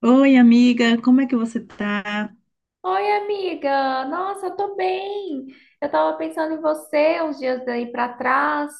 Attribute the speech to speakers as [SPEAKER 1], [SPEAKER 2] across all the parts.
[SPEAKER 1] Oi, amiga, como é que você tá?
[SPEAKER 2] Oi, amiga! Nossa, eu tô bem! Eu tava pensando em você uns dias daí pra trás,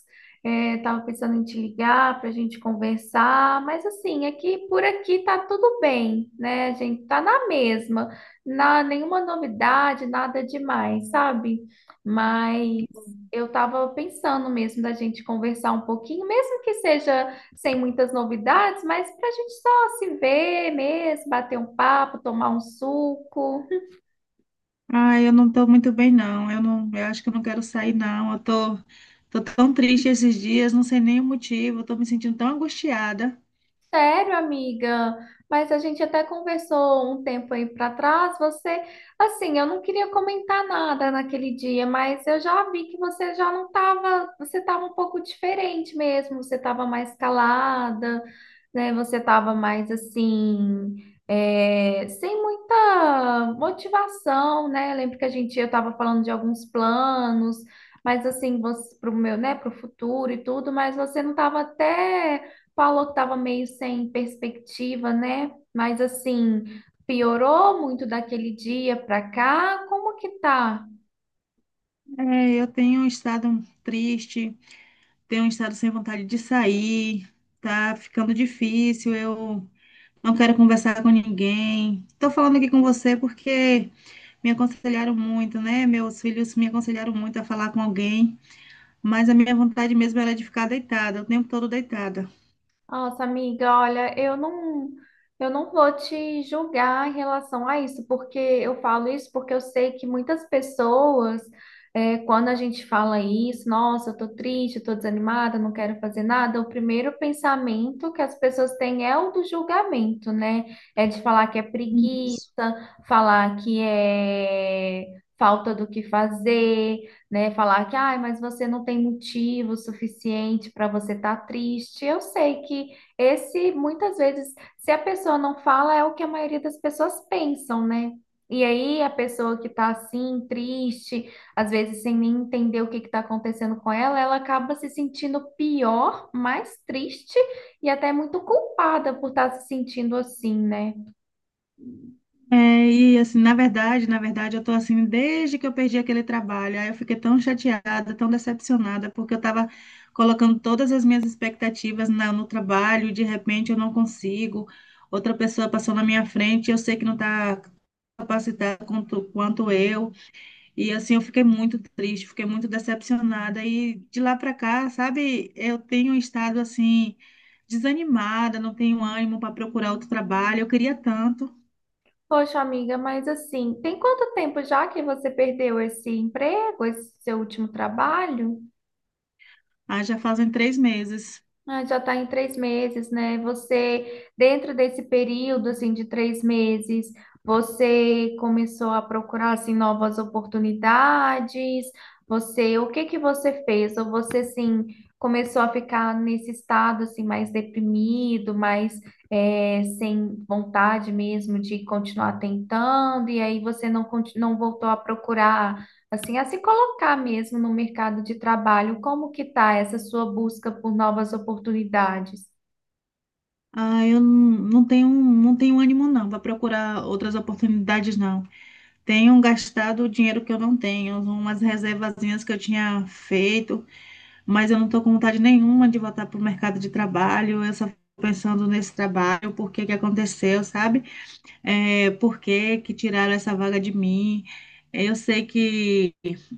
[SPEAKER 2] tava pensando em te ligar pra gente conversar, mas assim, aqui por aqui tá tudo bem, né? A gente tá na mesma, nenhuma novidade, nada demais, sabe? Mas eu tava pensando mesmo da gente conversar um pouquinho, mesmo que seja sem muitas novidades, mas pra gente só se ver mesmo, bater um papo, tomar um suco.
[SPEAKER 1] Ah, eu não tô muito bem, não. Eu acho que eu não quero sair, não. Eu tô tão triste esses dias, não sei nem o motivo. Eu tô me sentindo tão angustiada.
[SPEAKER 2] Sério, amiga, mas a gente até conversou um tempo aí pra trás. Assim, eu não queria comentar nada naquele dia, mas eu já vi que você já não tava, você tava um pouco diferente mesmo, você tava mais calada, né? Você tava mais assim, sem muita motivação, né? Eu lembro que a gente, eu tava falando de alguns planos, mas assim, você, pro meu, né, pro futuro e tudo, mas você não tava até. Falou que estava meio sem perspectiva, né? Mas assim, piorou muito daquele dia para cá. Como que tá?
[SPEAKER 1] É, eu tenho um estado triste, tenho um estado sem vontade de sair. Tá ficando difícil. Eu não quero conversar com ninguém. Tô falando aqui com você porque me aconselharam muito, né? Meus filhos me aconselharam muito a falar com alguém. Mas a minha vontade mesmo era de ficar deitada, o tempo todo deitada.
[SPEAKER 2] Nossa, amiga, olha, eu não vou te julgar em relação a isso, porque eu falo isso porque eu sei que muitas pessoas, quando a gente fala isso, nossa, eu tô triste, eu tô desanimada, não quero fazer nada, o primeiro pensamento que as pessoas têm é o do julgamento, né? É de falar que é preguiça,
[SPEAKER 1] Isso.
[SPEAKER 2] falar que é falta do que fazer, né? Falar que, ai, mas você não tem motivo suficiente para você estar triste. Eu sei que esse, muitas vezes, se a pessoa não fala, é o que a maioria das pessoas pensam, né? E aí a pessoa que tá assim, triste, às vezes sem nem entender o que que tá acontecendo com ela, ela acaba se sentindo pior, mais triste e até muito culpada por estar se sentindo assim, né?
[SPEAKER 1] É, e assim, na verdade, eu tô assim desde que eu perdi aquele trabalho. Aí eu fiquei tão chateada, tão decepcionada, porque eu tava colocando todas as minhas expectativas no trabalho, e de repente eu não consigo. Outra pessoa passou na minha frente, eu sei que não tá capacitada quanto eu. E assim, eu fiquei muito triste, fiquei muito decepcionada. E de lá para cá, sabe, eu tenho estado assim, desanimada, não tenho ânimo para procurar outro trabalho. Eu queria tanto.
[SPEAKER 2] Poxa, amiga, mas assim, tem quanto tempo já que você perdeu esse emprego, esse seu último trabalho?
[SPEAKER 1] Ah, já fazem três meses.
[SPEAKER 2] Ah, já está em três meses, né? Você, dentro desse período, assim, de três meses, você começou a procurar, assim, novas oportunidades? Você, o que que você fez? Ou você, assim, começou a ficar nesse estado, assim, mais deprimido, mais, sem vontade mesmo de continuar tentando, e aí você não, não voltou a procurar assim, a se colocar mesmo no mercado de trabalho, como que está essa sua busca por novas oportunidades?
[SPEAKER 1] Ah, eu não tenho ânimo não para procurar outras oportunidades, não. Tenho gastado o dinheiro que eu não tenho, umas reservazinhas que eu tinha feito, mas eu não estou com vontade nenhuma de voltar para o mercado de trabalho. Eu só fico pensando nesse trabalho, por que que aconteceu, sabe? É, por que que tiraram essa vaga de mim? É, eu sei que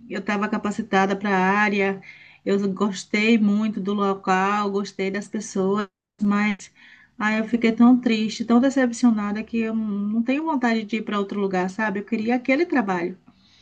[SPEAKER 1] eu estava capacitada para a área, eu gostei muito do local, gostei das pessoas, mas aí eu fiquei tão triste, tão decepcionada que eu não tenho vontade de ir para outro lugar, sabe? Eu queria aquele trabalho.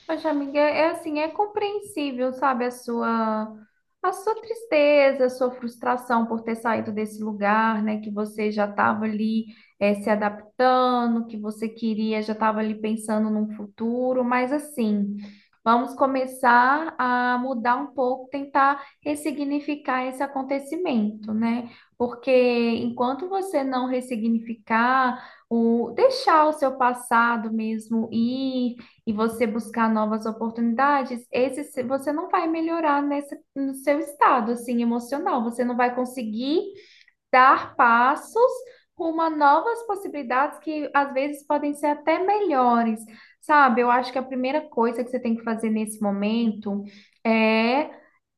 [SPEAKER 2] Poxa, amiga, é assim, é compreensível, sabe, a sua tristeza, a sua frustração por ter saído desse lugar, né, que você já estava ali se adaptando, que você queria, já estava ali pensando num futuro, mas assim, vamos começar a mudar um pouco, tentar ressignificar esse acontecimento, né, porque enquanto você não ressignificar, o, deixar o seu passado mesmo ir, e você buscar novas oportunidades, esse se- você não vai melhorar nesse, no seu estado assim emocional. Você não vai conseguir dar passos rumo a novas possibilidades que às vezes podem ser até melhores, sabe? Eu acho que a primeira coisa que você tem que fazer nesse momento é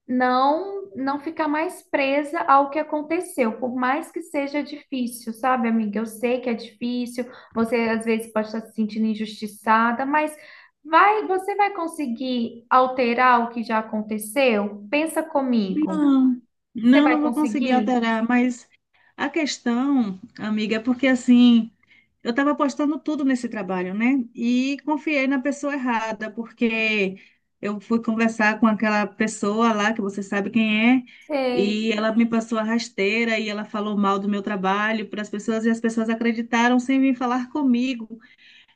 [SPEAKER 2] não ficar mais presa ao que aconteceu, por mais que seja difícil, sabe, amiga? Eu sei que é difícil, você às vezes pode estar se sentindo injustiçada, mas vai, você vai conseguir alterar o que já aconteceu? Pensa comigo.
[SPEAKER 1] Não,
[SPEAKER 2] Você
[SPEAKER 1] não, não
[SPEAKER 2] vai
[SPEAKER 1] vou conseguir
[SPEAKER 2] conseguir?
[SPEAKER 1] alterar, mas a questão, amiga, é porque assim. Eu estava apostando tudo nesse trabalho, né? E confiei na pessoa errada, porque eu fui conversar com aquela pessoa lá, que você sabe quem é,
[SPEAKER 2] Sei.
[SPEAKER 1] e ela me passou a rasteira e ela falou mal do meu trabalho para as pessoas, e as pessoas acreditaram sem vir falar comigo.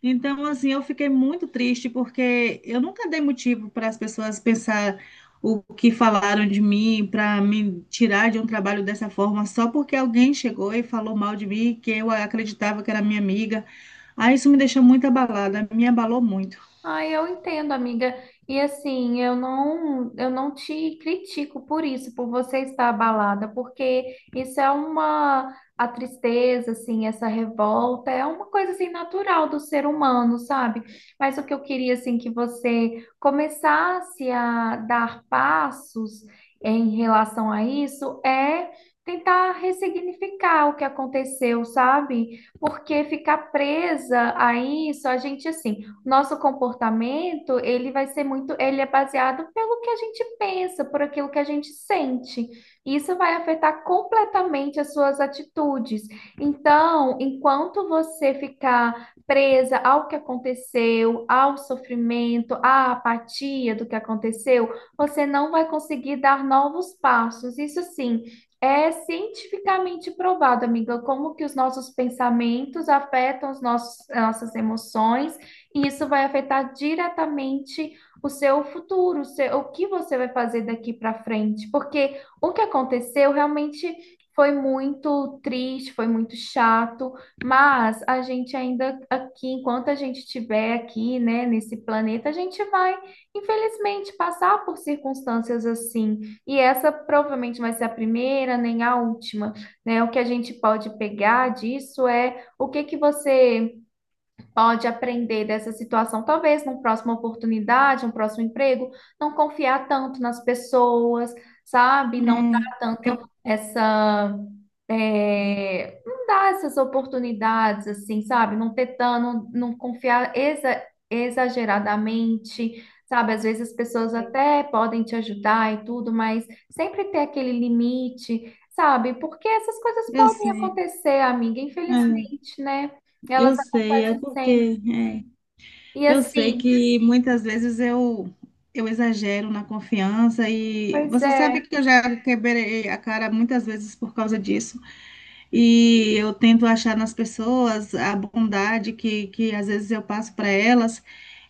[SPEAKER 1] Então, assim, eu fiquei muito triste porque eu nunca dei motivo para as pessoas pensar o que falaram de mim, para me tirar de um trabalho dessa forma, só porque alguém chegou e falou mal de mim, que eu acreditava que era minha amiga. Aí isso me deixou muito abalada, me abalou muito.
[SPEAKER 2] Ai, eu entendo, amiga. E assim, eu não te critico por isso, por você estar abalada, porque isso é uma, a tristeza, assim, essa revolta, é uma coisa assim natural do ser humano, sabe? Mas o que eu queria assim que você começasse a dar passos em relação a isso é tentar ressignificar o que aconteceu, sabe? Porque ficar presa a isso, a gente assim nosso comportamento, ele vai ser muito, ele é baseado pelo que a gente pensa, por aquilo que a gente sente. Isso vai afetar completamente as suas atitudes. Então, enquanto você ficar presa ao que aconteceu, ao sofrimento, à apatia do que aconteceu, você não vai conseguir dar novos passos. Isso sim, é cientificamente provado, amiga, como que os nossos pensamentos afetam nossas emoções e isso vai afetar diretamente o seu futuro, o seu- o que você vai fazer daqui para frente, porque o que aconteceu realmente foi muito triste, foi muito chato, mas a gente ainda aqui, enquanto a gente estiver aqui, né, nesse planeta, a gente vai, infelizmente, passar por circunstâncias assim, e essa provavelmente vai ser a primeira, nem a última, né? O que a gente pode pegar disso é o que que você pode aprender dessa situação. Talvez numa próxima oportunidade, um próximo emprego, não confiar tanto nas pessoas, sabe? Não
[SPEAKER 1] É,
[SPEAKER 2] dar tanto essa. Não dar essas oportunidades, assim, sabe? Não ter tan- não, não confiar exageradamente, sabe? Às vezes as pessoas
[SPEAKER 1] eu,
[SPEAKER 2] até podem te ajudar e tudo, mas sempre ter aquele limite, sabe? Porque essas coisas
[SPEAKER 1] eu
[SPEAKER 2] podem
[SPEAKER 1] sei,
[SPEAKER 2] acontecer, amiga,
[SPEAKER 1] é,
[SPEAKER 2] infelizmente, né? Elas
[SPEAKER 1] eu sei, é
[SPEAKER 2] acontecem sempre.
[SPEAKER 1] porque é.
[SPEAKER 2] E
[SPEAKER 1] Eu sei
[SPEAKER 2] assim,
[SPEAKER 1] que muitas vezes eu exagero na confiança e
[SPEAKER 2] pois
[SPEAKER 1] você sabe
[SPEAKER 2] é.
[SPEAKER 1] que eu já quebrei a cara muitas vezes por causa disso. E eu tento achar nas pessoas a bondade que às vezes eu passo para elas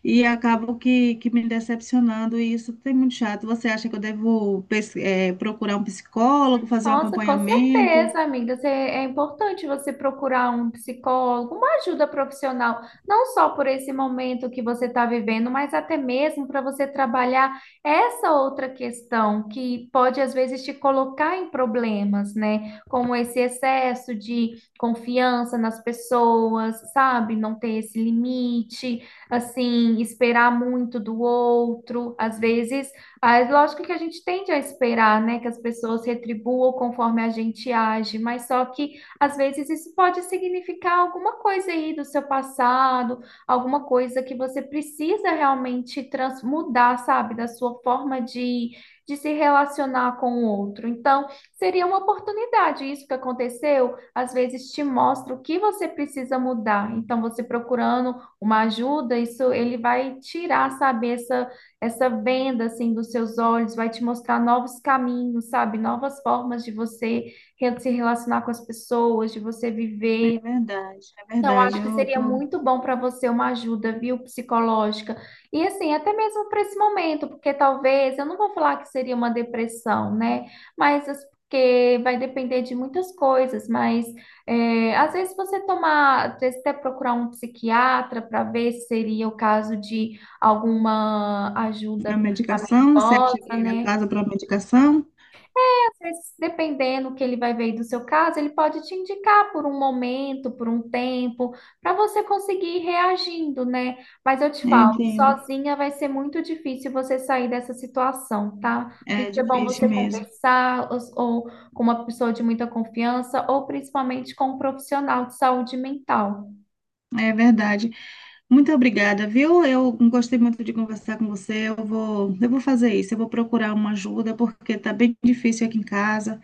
[SPEAKER 1] e acabo que me decepcionando e isso tem muito chato. Você acha que eu devo, procurar um psicólogo, fazer um
[SPEAKER 2] Nossa, com
[SPEAKER 1] acompanhamento?
[SPEAKER 2] certeza, amiga. Você- É importante você procurar um psicólogo, uma ajuda profissional, não só por esse momento que você está vivendo, mas até mesmo para você trabalhar essa outra questão que pode, às vezes, te colocar em problemas, né? Como esse excesso de confiança nas pessoas, sabe? Não ter esse limite, assim, esperar muito do outro. Às vezes. Mas lógico que a gente tende a esperar, né, que as pessoas retribuam conforme a gente age, mas só que às vezes isso pode significar alguma coisa aí do seu passado, alguma coisa que você precisa realmente trans mudar, sabe, da sua forma de se relacionar com o outro. Então, seria uma oportunidade. Isso que aconteceu, às vezes te mostra o que você precisa mudar. Então, você procurando uma ajuda, isso ele vai tirar, sabe, essa venda assim dos seus olhos vai te mostrar novos caminhos, sabe? Novas formas de você se relacionar com as pessoas, de você viver.
[SPEAKER 1] É verdade, é
[SPEAKER 2] Então,
[SPEAKER 1] verdade.
[SPEAKER 2] acho que
[SPEAKER 1] Eu
[SPEAKER 2] seria
[SPEAKER 1] tô
[SPEAKER 2] muito bom para você uma ajuda, viu, psicológica. E assim, até mesmo para esse momento, porque talvez, eu não vou falar que seria uma depressão, né? Mas as- porque vai depender de muitas coisas. Mas às vezes você tomar, às vezes até procurar um psiquiatra para ver se seria o caso de alguma ajuda
[SPEAKER 1] A medicação, você acha que
[SPEAKER 2] medicamentosa,
[SPEAKER 1] é a
[SPEAKER 2] né?
[SPEAKER 1] casa para medicação?
[SPEAKER 2] Mas, dependendo que ele vai ver aí do seu caso, ele pode te indicar por um momento, por um tempo, para você conseguir ir reagindo, né? Mas eu te
[SPEAKER 1] Eu
[SPEAKER 2] falo,
[SPEAKER 1] entendo.
[SPEAKER 2] sozinha vai ser muito difícil você sair dessa situação, tá? Por
[SPEAKER 1] É
[SPEAKER 2] isso é bom você
[SPEAKER 1] difícil mesmo,
[SPEAKER 2] conversar ou com uma pessoa de muita confiança, ou principalmente com um profissional de saúde mental.
[SPEAKER 1] é verdade. Muito obrigada, viu? Eu gostei muito de conversar com você. Eu vou fazer isso. Eu vou procurar uma ajuda porque tá bem difícil aqui em casa,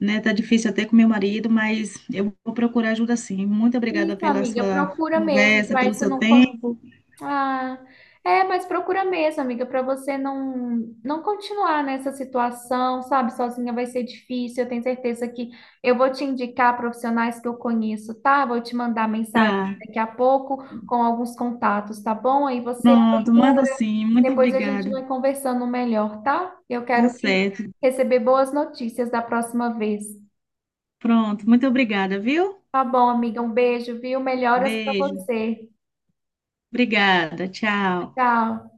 [SPEAKER 1] né? Tá difícil até com meu marido, mas eu vou procurar ajuda sim. Muito obrigada
[SPEAKER 2] Isso,
[SPEAKER 1] pela
[SPEAKER 2] amiga,
[SPEAKER 1] sua
[SPEAKER 2] procura mesmo,
[SPEAKER 1] conversa,
[SPEAKER 2] para
[SPEAKER 1] pelo
[SPEAKER 2] isso
[SPEAKER 1] seu
[SPEAKER 2] não.
[SPEAKER 1] tempo.
[SPEAKER 2] Ah, é, mas procura mesmo, amiga, para você não continuar nessa situação, sabe? Sozinha vai ser difícil. Eu tenho certeza que eu vou te indicar profissionais que eu conheço, tá? Vou te mandar mensagem
[SPEAKER 1] Tá.
[SPEAKER 2] daqui a pouco com alguns contatos, tá bom? Aí você
[SPEAKER 1] Pronto, manda
[SPEAKER 2] procura,
[SPEAKER 1] sim. Muito
[SPEAKER 2] depois a gente
[SPEAKER 1] obrigada.
[SPEAKER 2] vai conversando melhor, tá? Eu
[SPEAKER 1] Tá
[SPEAKER 2] quero que
[SPEAKER 1] certo.
[SPEAKER 2] receber boas notícias da próxima vez.
[SPEAKER 1] Pronto, muito obrigada, viu?
[SPEAKER 2] Tá bom, amiga, um beijo, viu? Melhoras para
[SPEAKER 1] Beijo.
[SPEAKER 2] você.
[SPEAKER 1] Obrigada. Tchau.
[SPEAKER 2] Tchau.